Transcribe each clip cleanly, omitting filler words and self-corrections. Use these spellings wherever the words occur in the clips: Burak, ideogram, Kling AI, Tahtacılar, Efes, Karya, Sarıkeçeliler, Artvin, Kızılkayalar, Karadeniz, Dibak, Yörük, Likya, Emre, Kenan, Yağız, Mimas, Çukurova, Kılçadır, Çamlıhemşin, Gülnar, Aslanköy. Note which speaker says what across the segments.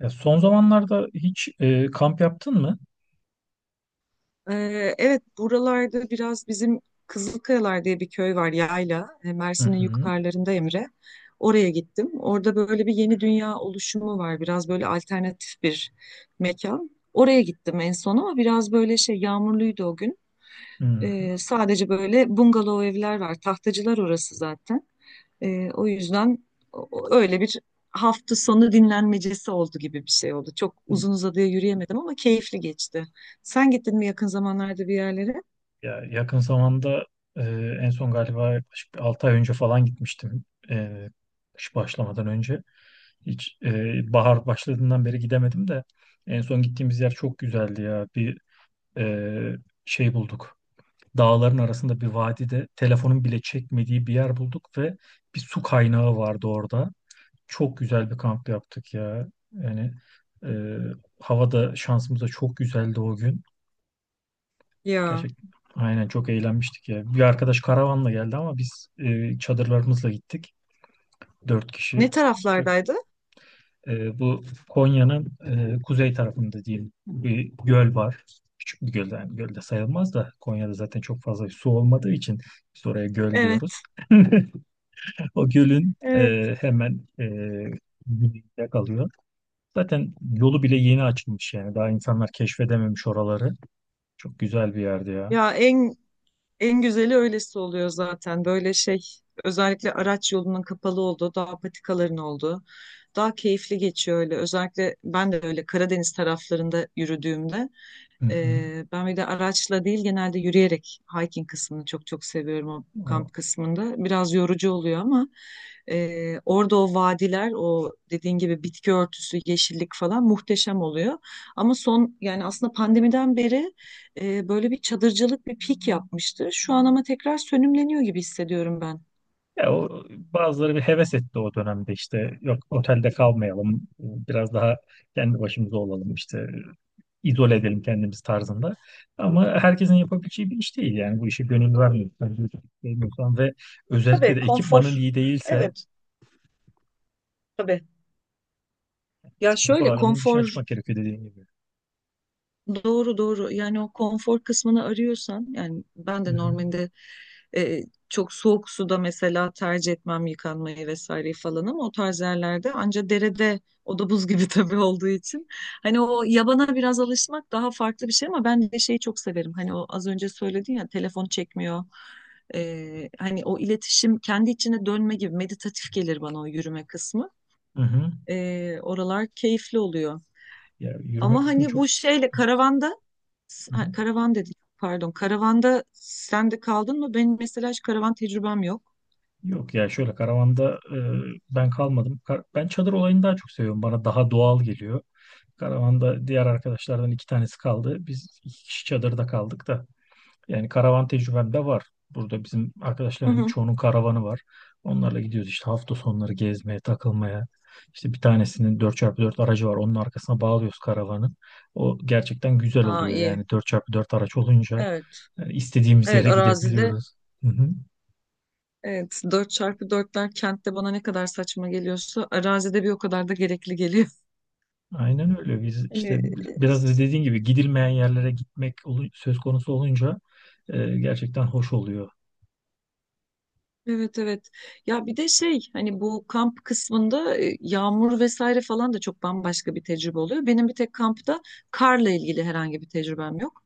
Speaker 1: Ya son zamanlarda hiç kamp yaptın mı?
Speaker 2: Evet, buralarda biraz bizim Kızılkayalar diye bir köy var, yayla.
Speaker 1: Hı
Speaker 2: Mersin'in
Speaker 1: hı.
Speaker 2: yukarılarında Emre. Oraya gittim. Orada böyle bir yeni dünya oluşumu var. Biraz böyle alternatif bir mekan. Oraya gittim en son ama biraz böyle şey yağmurluydu o gün.
Speaker 1: Hı hı.
Speaker 2: Sadece böyle bungalov evler var. Tahtacılar orası zaten. O yüzden öyle bir hafta sonu dinlenmecesi oldu gibi bir şey oldu. Çok uzun uzadıya yürüyemedim ama keyifli geçti. Sen gittin mi yakın zamanlarda bir yerlere?
Speaker 1: Ya yakın zamanda e, en son galiba yaklaşık 6 ay önce falan gitmiştim. E, Kış başlamadan önce. Hiç bahar başladığından beri gidemedim de en son gittiğimiz yer çok güzeldi ya. Bir e, şey bulduk. Dağların arasında bir vadide telefonun bile çekmediği bir yer bulduk ve bir su kaynağı vardı orada. Çok güzel bir kamp yaptık ya. Yani e, havada şansımız da çok güzeldi o gün.
Speaker 2: Ya
Speaker 1: Gerçekten aynen çok eğlenmiştik ya. Bir arkadaş karavanla geldi ama biz çadırlarımızla gittik. Dört kişi.
Speaker 2: ne
Speaker 1: Çok-
Speaker 2: taraflardaydı?
Speaker 1: bu Konya'nın kuzey tarafında diyeyim bir göl var. Küçük bir göl, yani göl de sayılmaz da Konya'da zaten çok fazla su olmadığı için biz oraya göl diyoruz.
Speaker 2: Evet,
Speaker 1: O gölün
Speaker 2: evet.
Speaker 1: hemen güneyinde kalıyor. Zaten yolu bile yeni açılmış yani. Daha insanlar keşfedememiş oraları. Çok güzel bir yerdi ya.
Speaker 2: Ya en güzeli öylesi oluyor zaten. Böyle şey özellikle araç yolunun kapalı olduğu, dağ patikaların olduğu daha keyifli geçiyor öyle. Özellikle ben de öyle Karadeniz taraflarında yürüdüğümde.
Speaker 1: Hı hı.
Speaker 2: Ben bir de araçla değil genelde yürüyerek hiking kısmını çok çok seviyorum o
Speaker 1: O,
Speaker 2: kamp kısmında. Biraz yorucu oluyor ama orada o vadiler, o dediğin gibi bitki örtüsü, yeşillik falan muhteşem oluyor. Ama son yani aslında pandemiden beri böyle bir çadırcılık bir pik yapmıştı. Şu an ama tekrar sönümleniyor gibi hissediyorum ben.
Speaker 1: ya o, bazıları bir heves etti o dönemde, işte yok otelde kalmayalım, biraz daha kendi başımıza olalım, işte izole edelim kendimiz tarzında. Ama herkesin yapabileceği bir iş değil yani, bu işe gönül vermiyorsan, ve özellikle
Speaker 2: Tabii
Speaker 1: de ekipmanın
Speaker 2: konfor.
Speaker 1: iyi değilse
Speaker 2: Evet tabii. Ya
Speaker 1: spor
Speaker 2: şöyle
Speaker 1: alanının dışına
Speaker 2: konfor.
Speaker 1: çıkmak gerekiyor dediğim gibi.
Speaker 2: Doğru doğru yani o konfor kısmını arıyorsan yani ben
Speaker 1: Hı
Speaker 2: de
Speaker 1: hı.
Speaker 2: normalde e, çok soğuk suda mesela tercih etmem yıkanmayı vesaire falan ama o tarz yerlerde anca derede o da buz gibi tabii olduğu için hani o yabana biraz alışmak daha farklı bir şey ama ben de şeyi çok severim hani o az önce söyledin ya telefon çekmiyor. Hani o iletişim kendi içine dönme gibi meditatif gelir bana o yürüme kısmı.
Speaker 1: Hı hı.
Speaker 2: Oralar keyifli oluyor.
Speaker 1: Ya yürüme
Speaker 2: Ama
Speaker 1: kısmı
Speaker 2: hani
Speaker 1: çok.
Speaker 2: bu şeyle karavanda,
Speaker 1: Hı hı.
Speaker 2: ha, karavan dedik. Pardon. Karavanda sen de kaldın mı? Benim mesela hiç karavan tecrübem yok.
Speaker 1: Yok, ya şöyle karavanda ben kalmadım. Ben çadır olayını daha çok seviyorum. Bana daha doğal geliyor. Karavanda diğer arkadaşlardan iki tanesi kaldı. Biz iki kişi çadırda kaldık da. Yani karavan tecrübem de var. Burada bizim
Speaker 2: Hı
Speaker 1: arkadaşların
Speaker 2: hı.
Speaker 1: çoğunun karavanı var. Onlarla gidiyoruz işte hafta sonları gezmeye, takılmaya. İşte bir tanesinin dört çarpı dört aracı var. Onun arkasına bağlıyoruz karavanı. O gerçekten güzel
Speaker 2: Aa
Speaker 1: oluyor.
Speaker 2: iyi.
Speaker 1: Yani dört çarpı dört araç olunca
Speaker 2: Evet.
Speaker 1: istediğimiz
Speaker 2: Evet
Speaker 1: yere
Speaker 2: arazide
Speaker 1: gidebiliyoruz. Hı hı.
Speaker 2: evet dört çarpı dörtler kentte bana ne kadar saçma geliyorsa arazide bir o kadar da gerekli geliyor.
Speaker 1: Aynen öyle. Biz
Speaker 2: Hani
Speaker 1: işte
Speaker 2: e,
Speaker 1: biraz da dediğin gibi gidilmeyen yerlere gitmek söz konusu olunca gerçekten hoş oluyor.
Speaker 2: evet evet. Ya bir de şey hani bu kamp kısmında yağmur vesaire falan da çok bambaşka bir tecrübe oluyor. Benim bir tek kampta karla ilgili herhangi bir tecrübem yok.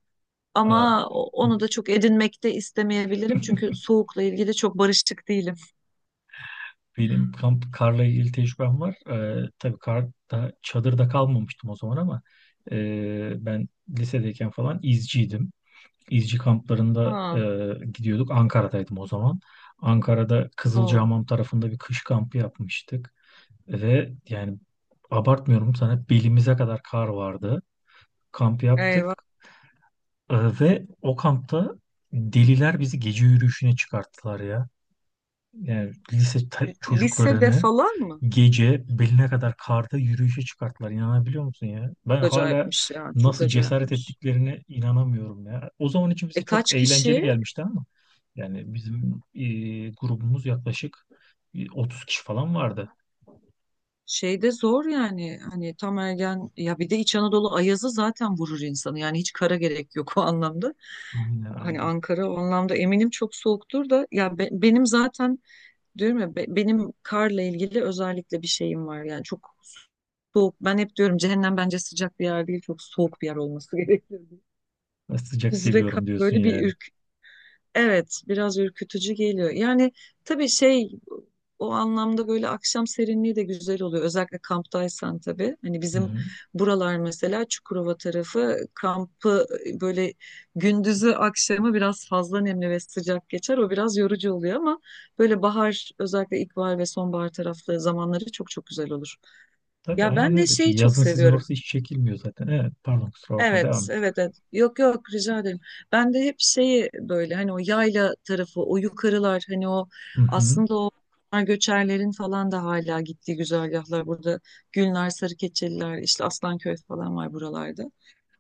Speaker 1: Aa,
Speaker 2: Ama onu da çok edinmek de istemeyebilirim. Çünkü soğukla ilgili çok barışık değilim.
Speaker 1: benim kamp karla ilgili tecrübem var. Tabii karda, çadırda kalmamıştım o zaman ama ben lisedeyken falan izciydim. İzci kamplarında
Speaker 2: Ha,
Speaker 1: gidiyorduk. Ankara'daydım o zaman. Ankara'da
Speaker 2: o.
Speaker 1: Kızılcahamam tarafında bir kış kampı yapmıştık. Ve yani abartmıyorum, sana belimize kadar kar vardı. Kamp yaptık.
Speaker 2: Eyvah.
Speaker 1: Ve o kampta deliler bizi gece yürüyüşüne çıkarttılar ya, yani lise
Speaker 2: Lisede
Speaker 1: çocuklarını
Speaker 2: falan mı?
Speaker 1: gece beline kadar karda yürüyüşe çıkarttılar. İnanabiliyor musun ya? Ben
Speaker 2: Çok
Speaker 1: hala
Speaker 2: acayipmiş yani. Çok
Speaker 1: nasıl cesaret
Speaker 2: acayipmiş.
Speaker 1: ettiklerine inanamıyorum ya. O zaman için bize
Speaker 2: E,
Speaker 1: çok
Speaker 2: kaç
Speaker 1: eğlenceli
Speaker 2: kişi?
Speaker 1: gelmişti ama yani bizim grubumuz yaklaşık 30 kişi falan vardı.
Speaker 2: Şeyde zor yani. Hani tam ergen ya bir de İç Anadolu ayazı zaten vurur insanı. Yani hiç kara gerek yok o anlamda.
Speaker 1: Aynen
Speaker 2: Hani
Speaker 1: aynen.
Speaker 2: Ankara o anlamda eminim çok soğuktur da ya benim zaten. Diyorum ya benim karla ilgili özellikle bir şeyim var yani çok soğuk. Ben hep diyorum cehennem bence sıcak bir yer değil, çok soğuk bir yer olması gerekir, diye.
Speaker 1: Ben sıcak
Speaker 2: Buz ve kar
Speaker 1: seviyorum diyorsun
Speaker 2: böyle
Speaker 1: yani.
Speaker 2: bir. Evet, biraz ürkütücü geliyor. Yani tabii şey o anlamda böyle akşam serinliği de güzel oluyor. Özellikle kamptaysan tabii. Hani
Speaker 1: Hı
Speaker 2: bizim
Speaker 1: hı.
Speaker 2: buralar mesela Çukurova tarafı kampı böyle gündüzü akşamı biraz fazla nemli ve sıcak geçer. O biraz yorucu oluyor ama böyle bahar özellikle ilkbahar ve sonbahar taraflı zamanları çok çok güzel olur.
Speaker 1: Tabii
Speaker 2: Ya
Speaker 1: aynen
Speaker 2: ben de
Speaker 1: öyle. Şey,
Speaker 2: şeyi çok
Speaker 1: yazın sizin
Speaker 2: seviyorum.
Speaker 1: orası hiç çekilmiyor zaten. Evet, pardon kusura bakma devam
Speaker 2: Evet,
Speaker 1: et.
Speaker 2: evet, evet. Yok yok rica ederim. Ben de hep şeyi böyle hani o yayla tarafı, o yukarılar hani o
Speaker 1: Hı hı.
Speaker 2: aslında o göçerlerin falan da hala gittiği güzergahlar burada. Gülnar, Sarıkeçeliler, işte Aslanköy falan var buralarda.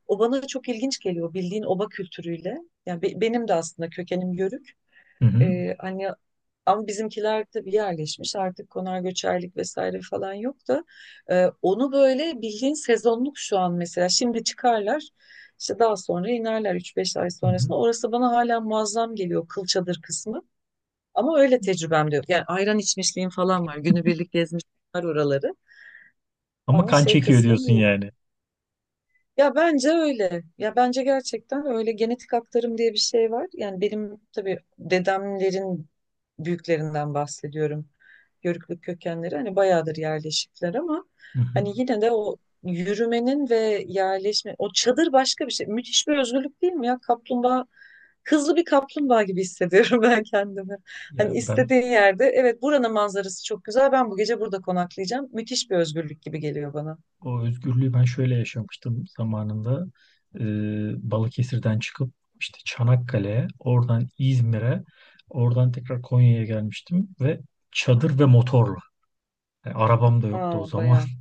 Speaker 2: O bana çok ilginç geliyor bildiğin oba kültürüyle. Yani benim de aslında kökenim Yörük.
Speaker 1: Hı hı.
Speaker 2: Hani ama bizimkiler tabii yerleşmiş artık konar göçerlik vesaire falan yok da onu böyle bildiğin sezonluk şu an mesela şimdi çıkarlar işte daha sonra inerler üç beş ay
Speaker 1: Hı hı.
Speaker 2: sonrasında orası bana hala muazzam geliyor Kılçadır kısmı ama öyle tecrübem de yok yani ayran içmişliğim falan var günübirlik gezmişler oraları
Speaker 1: Ama
Speaker 2: ama
Speaker 1: kan
Speaker 2: şey
Speaker 1: çekiyor
Speaker 2: kısmım
Speaker 1: diyorsun
Speaker 2: yok
Speaker 1: yani.
Speaker 2: ya bence öyle. Ya bence gerçekten öyle genetik aktarım diye bir şey var. Yani benim tabii dedemlerin büyüklerinden bahsediyorum. Yörüklük kökenleri hani bayağıdır yerleşikler ama
Speaker 1: Hı hı.
Speaker 2: hani yine de o yürümenin ve yerleşme o çadır başka bir şey. Müthiş bir özgürlük değil mi ya? Kaplumbağa, hızlı bir kaplumbağa gibi hissediyorum ben kendimi.
Speaker 1: Ya
Speaker 2: Hani
Speaker 1: ben
Speaker 2: istediğin yerde, evet, buranın manzarası çok güzel. Ben bu gece burada konaklayacağım. Müthiş bir özgürlük gibi geliyor bana.
Speaker 1: o özgürlüğü ben şöyle yaşamıştım zamanında. Balıkesir'den çıkıp işte Çanakkale'ye, oradan İzmir'e, oradan tekrar Konya'ya gelmiştim ve çadır ve motorla. Yani arabam da yoktu o
Speaker 2: Aa
Speaker 1: zaman.
Speaker 2: bayağı.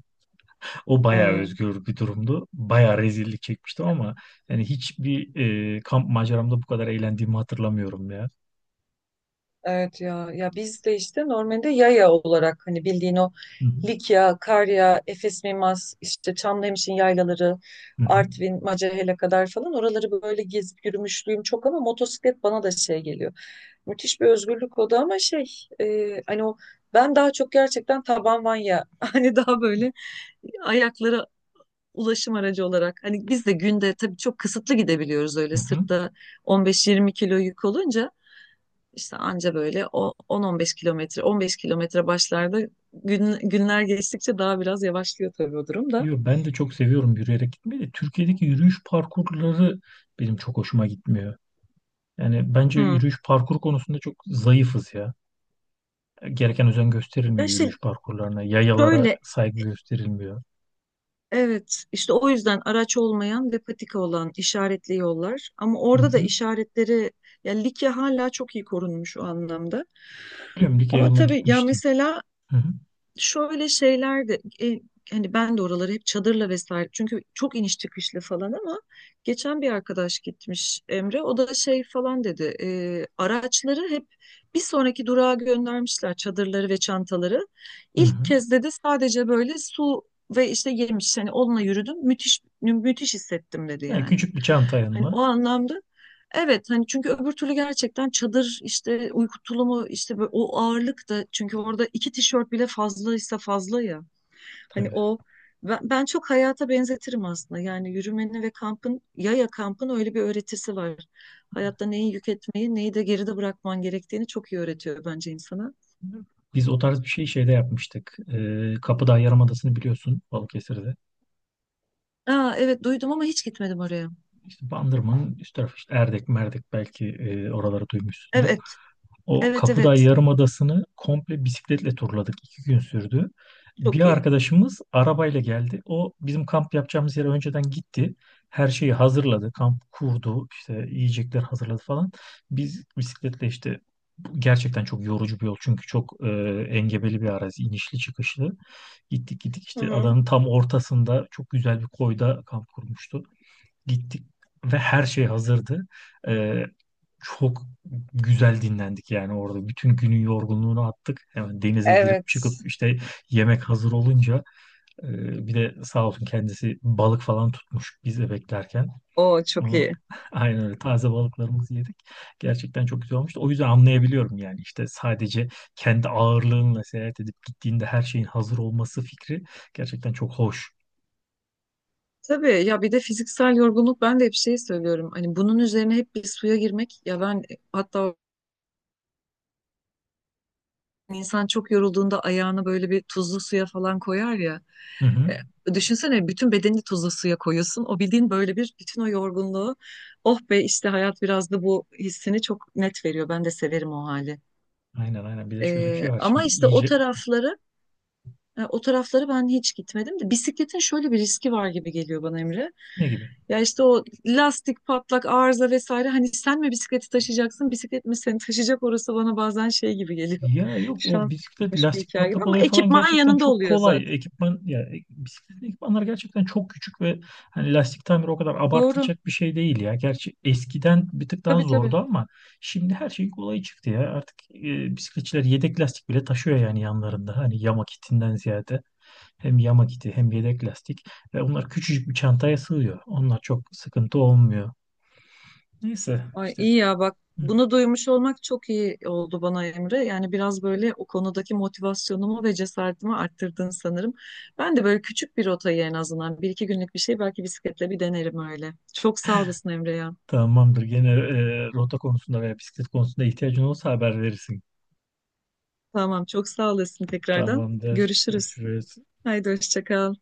Speaker 1: O bayağı
Speaker 2: Hmm.
Speaker 1: özgür bir durumdu. Bayağı rezillik çekmiştim ama yani hiçbir kamp maceramda bu kadar eğlendiğimi hatırlamıyorum ya.
Speaker 2: Evet ya biz de işte normalde yaya olarak hani bildiğin o
Speaker 1: Hı hı.
Speaker 2: Likya, Karya, Efes Mimas, işte Çamlıhemşin yaylaları,
Speaker 1: Hı hı.
Speaker 2: Artvin, Macahel'e kadar falan oraları böyle gezip yürümüşlüğüm çok ama motosiklet bana da şey geliyor. Müthiş bir özgürlük o da ama şey hani o ben daha çok gerçekten taban vanya hani daha böyle ayaklara ulaşım aracı olarak hani biz de günde tabii çok kısıtlı gidebiliyoruz
Speaker 1: Hı
Speaker 2: öyle
Speaker 1: hı.
Speaker 2: sırtta 15-20 kilo yük olunca işte anca böyle o 10-15 kilometre, 15 kilometre başlarda günler geçtikçe daha biraz yavaşlıyor tabii o durum da.
Speaker 1: Yo, ben de çok seviyorum yürüyerek gitmeyi de. Türkiye'deki yürüyüş parkurları benim çok hoşuma gitmiyor. Yani bence
Speaker 2: Hmm.
Speaker 1: yürüyüş parkur konusunda çok zayıfız ya. Gereken özen
Speaker 2: Ya
Speaker 1: gösterilmiyor
Speaker 2: işte
Speaker 1: yürüyüş parkurlarına. Yayalara
Speaker 2: şöyle
Speaker 1: saygı gösterilmiyor.
Speaker 2: evet işte o yüzden araç olmayan ve patika olan işaretli yollar ama
Speaker 1: Hı
Speaker 2: orada da
Speaker 1: hı.
Speaker 2: işaretleri ya Likya hala çok iyi korunmuş o anlamda.
Speaker 1: Biliyorum, Likya
Speaker 2: Ama
Speaker 1: yoluna
Speaker 2: tabii ya
Speaker 1: gitmiştim.
Speaker 2: mesela
Speaker 1: Hı hı.
Speaker 2: şöyle şeyler de e, hani ben de oraları hep çadırla vesaire çünkü çok iniş çıkışlı falan ama geçen bir arkadaş gitmiş Emre o da şey falan dedi araçları hep bir sonraki durağa göndermişler çadırları ve çantaları.
Speaker 1: Hı
Speaker 2: İlk
Speaker 1: hı.
Speaker 2: kez dedi sadece böyle su ve işte yemiş hani onunla yürüdüm müthiş müthiş hissettim dedi
Speaker 1: Yani
Speaker 2: yani.
Speaker 1: küçük bir çanta
Speaker 2: Hani
Speaker 1: yanına
Speaker 2: o anlamda evet hani çünkü öbür türlü gerçekten çadır işte uyku tulumu işte böyle o ağırlık da çünkü orada iki tişört bile fazlaysa fazla ya. Hani
Speaker 1: tabii.
Speaker 2: o ben çok hayata benzetirim aslında. Yani yürümenin ve kampın, yaya kampın öyle bir öğretisi var. Hayatta neyi yük etmeyi neyi de geride bırakman gerektiğini çok iyi öğretiyor bence insana.
Speaker 1: Biz o tarz bir şey şeyde yapmıştık. Kapıdağ Yarımadası'nı biliyorsun, Balıkesir'de.
Speaker 2: Aa, evet duydum ama hiç gitmedim oraya.
Speaker 1: İşte Bandırma'nın üst tarafı, işte Erdek, Merdek belki, oraları duymuşsundur.
Speaker 2: Evet
Speaker 1: O
Speaker 2: evet
Speaker 1: Kapıdağ
Speaker 2: evet
Speaker 1: Yarımadası'nı komple bisikletle turladık. 2 gün sürdü. Bir
Speaker 2: çok iyi.
Speaker 1: arkadaşımız arabayla geldi. O bizim kamp yapacağımız yere önceden gitti. Her şeyi hazırladı. Kamp kurdu. İşte yiyecekler hazırladı falan. Biz bisikletle işte, bu gerçekten çok yorucu bir yol. Çünkü çok engebeli bir arazi. İnişli çıkışlı. Gittik gittik,
Speaker 2: Hı
Speaker 1: işte
Speaker 2: hı.
Speaker 1: adanın tam ortasında çok güzel bir koyda kamp kurmuştu. Gittik ve her şey hazırdı. Ee, Çok güzel dinlendik yani orada. Bütün günün yorgunluğunu attık. Hemen denize girip
Speaker 2: Evet.
Speaker 1: çıkıp, işte yemek hazır olunca bir de sağ olsun kendisi balık falan tutmuş biz de beklerken.
Speaker 2: O çok
Speaker 1: Ama
Speaker 2: iyi.
Speaker 1: aynen öyle taze balıklarımızı yedik. Gerçekten çok güzel olmuştu. O yüzden anlayabiliyorum yani, işte sadece kendi ağırlığınla seyahat edip gittiğinde her şeyin hazır olması fikri gerçekten çok hoş.
Speaker 2: Tabii ya bir de fiziksel yorgunluk ben de hep şey söylüyorum. Hani bunun üzerine hep bir suya girmek ya ben hatta insan çok yorulduğunda ayağını böyle bir tuzlu suya falan koyar ya.
Speaker 1: Hı hı.
Speaker 2: Düşünsene bütün bedenini tuzlu suya koyuyorsun. O bildiğin böyle bir bütün o yorgunluğu, oh be, işte hayat biraz da bu hissini çok net veriyor. Ben de severim o hali.
Speaker 1: Aynen aynen. Bir de şöyle bir şey var
Speaker 2: Ama
Speaker 1: şimdi
Speaker 2: işte o
Speaker 1: iyice.
Speaker 2: tarafları. O taraflara ben hiç gitmedim de bisikletin şöyle bir riski var gibi geliyor bana Emre.
Speaker 1: Ne gibi?
Speaker 2: Ya işte o lastik patlak arıza vesaire hani sen mi bisikleti taşıyacaksın bisiklet mi seni taşıyacak orası bana bazen şey gibi geliyor.
Speaker 1: Ya yok, o bisiklet
Speaker 2: Şanslıymış bir
Speaker 1: lastik
Speaker 2: hikaye gibi
Speaker 1: patlak
Speaker 2: ama
Speaker 1: olayı falan
Speaker 2: ekipman
Speaker 1: gerçekten
Speaker 2: yanında
Speaker 1: çok
Speaker 2: oluyor
Speaker 1: kolay.
Speaker 2: zaten.
Speaker 1: Ekipman ya, bisiklet ekipmanları gerçekten çok küçük ve hani lastik tamiri o kadar
Speaker 2: Doğru.
Speaker 1: abartılacak bir şey değil ya. Gerçi eskiden bir tık daha
Speaker 2: Tabii tabii.
Speaker 1: zordu ama şimdi her şey kolay çıktı ya. Artık bisikletçiler yedek lastik bile taşıyor yani yanlarında. Hani yama kitinden ziyade hem yama kiti hem yedek lastik, ve onlar küçücük bir çantaya sığıyor. Onlar çok sıkıntı olmuyor. Neyse
Speaker 2: Ay
Speaker 1: işte.
Speaker 2: iyi ya bak bunu duymuş olmak çok iyi oldu bana Emre. Yani biraz böyle o konudaki motivasyonumu ve cesaretimi arttırdın sanırım. Ben de böyle küçük bir rotayı en azından bir iki günlük bir şey belki bisikletle bir denerim öyle. Çok sağ olasın Emre ya.
Speaker 1: Tamamdır. Gene rota konusunda veya bisiklet konusunda ihtiyacın olursa haber verirsin.
Speaker 2: Tamam çok sağ olasın tekrardan.
Speaker 1: Tamamdır.
Speaker 2: Görüşürüz.
Speaker 1: Görüşürüz.
Speaker 2: Haydi hoşça kal.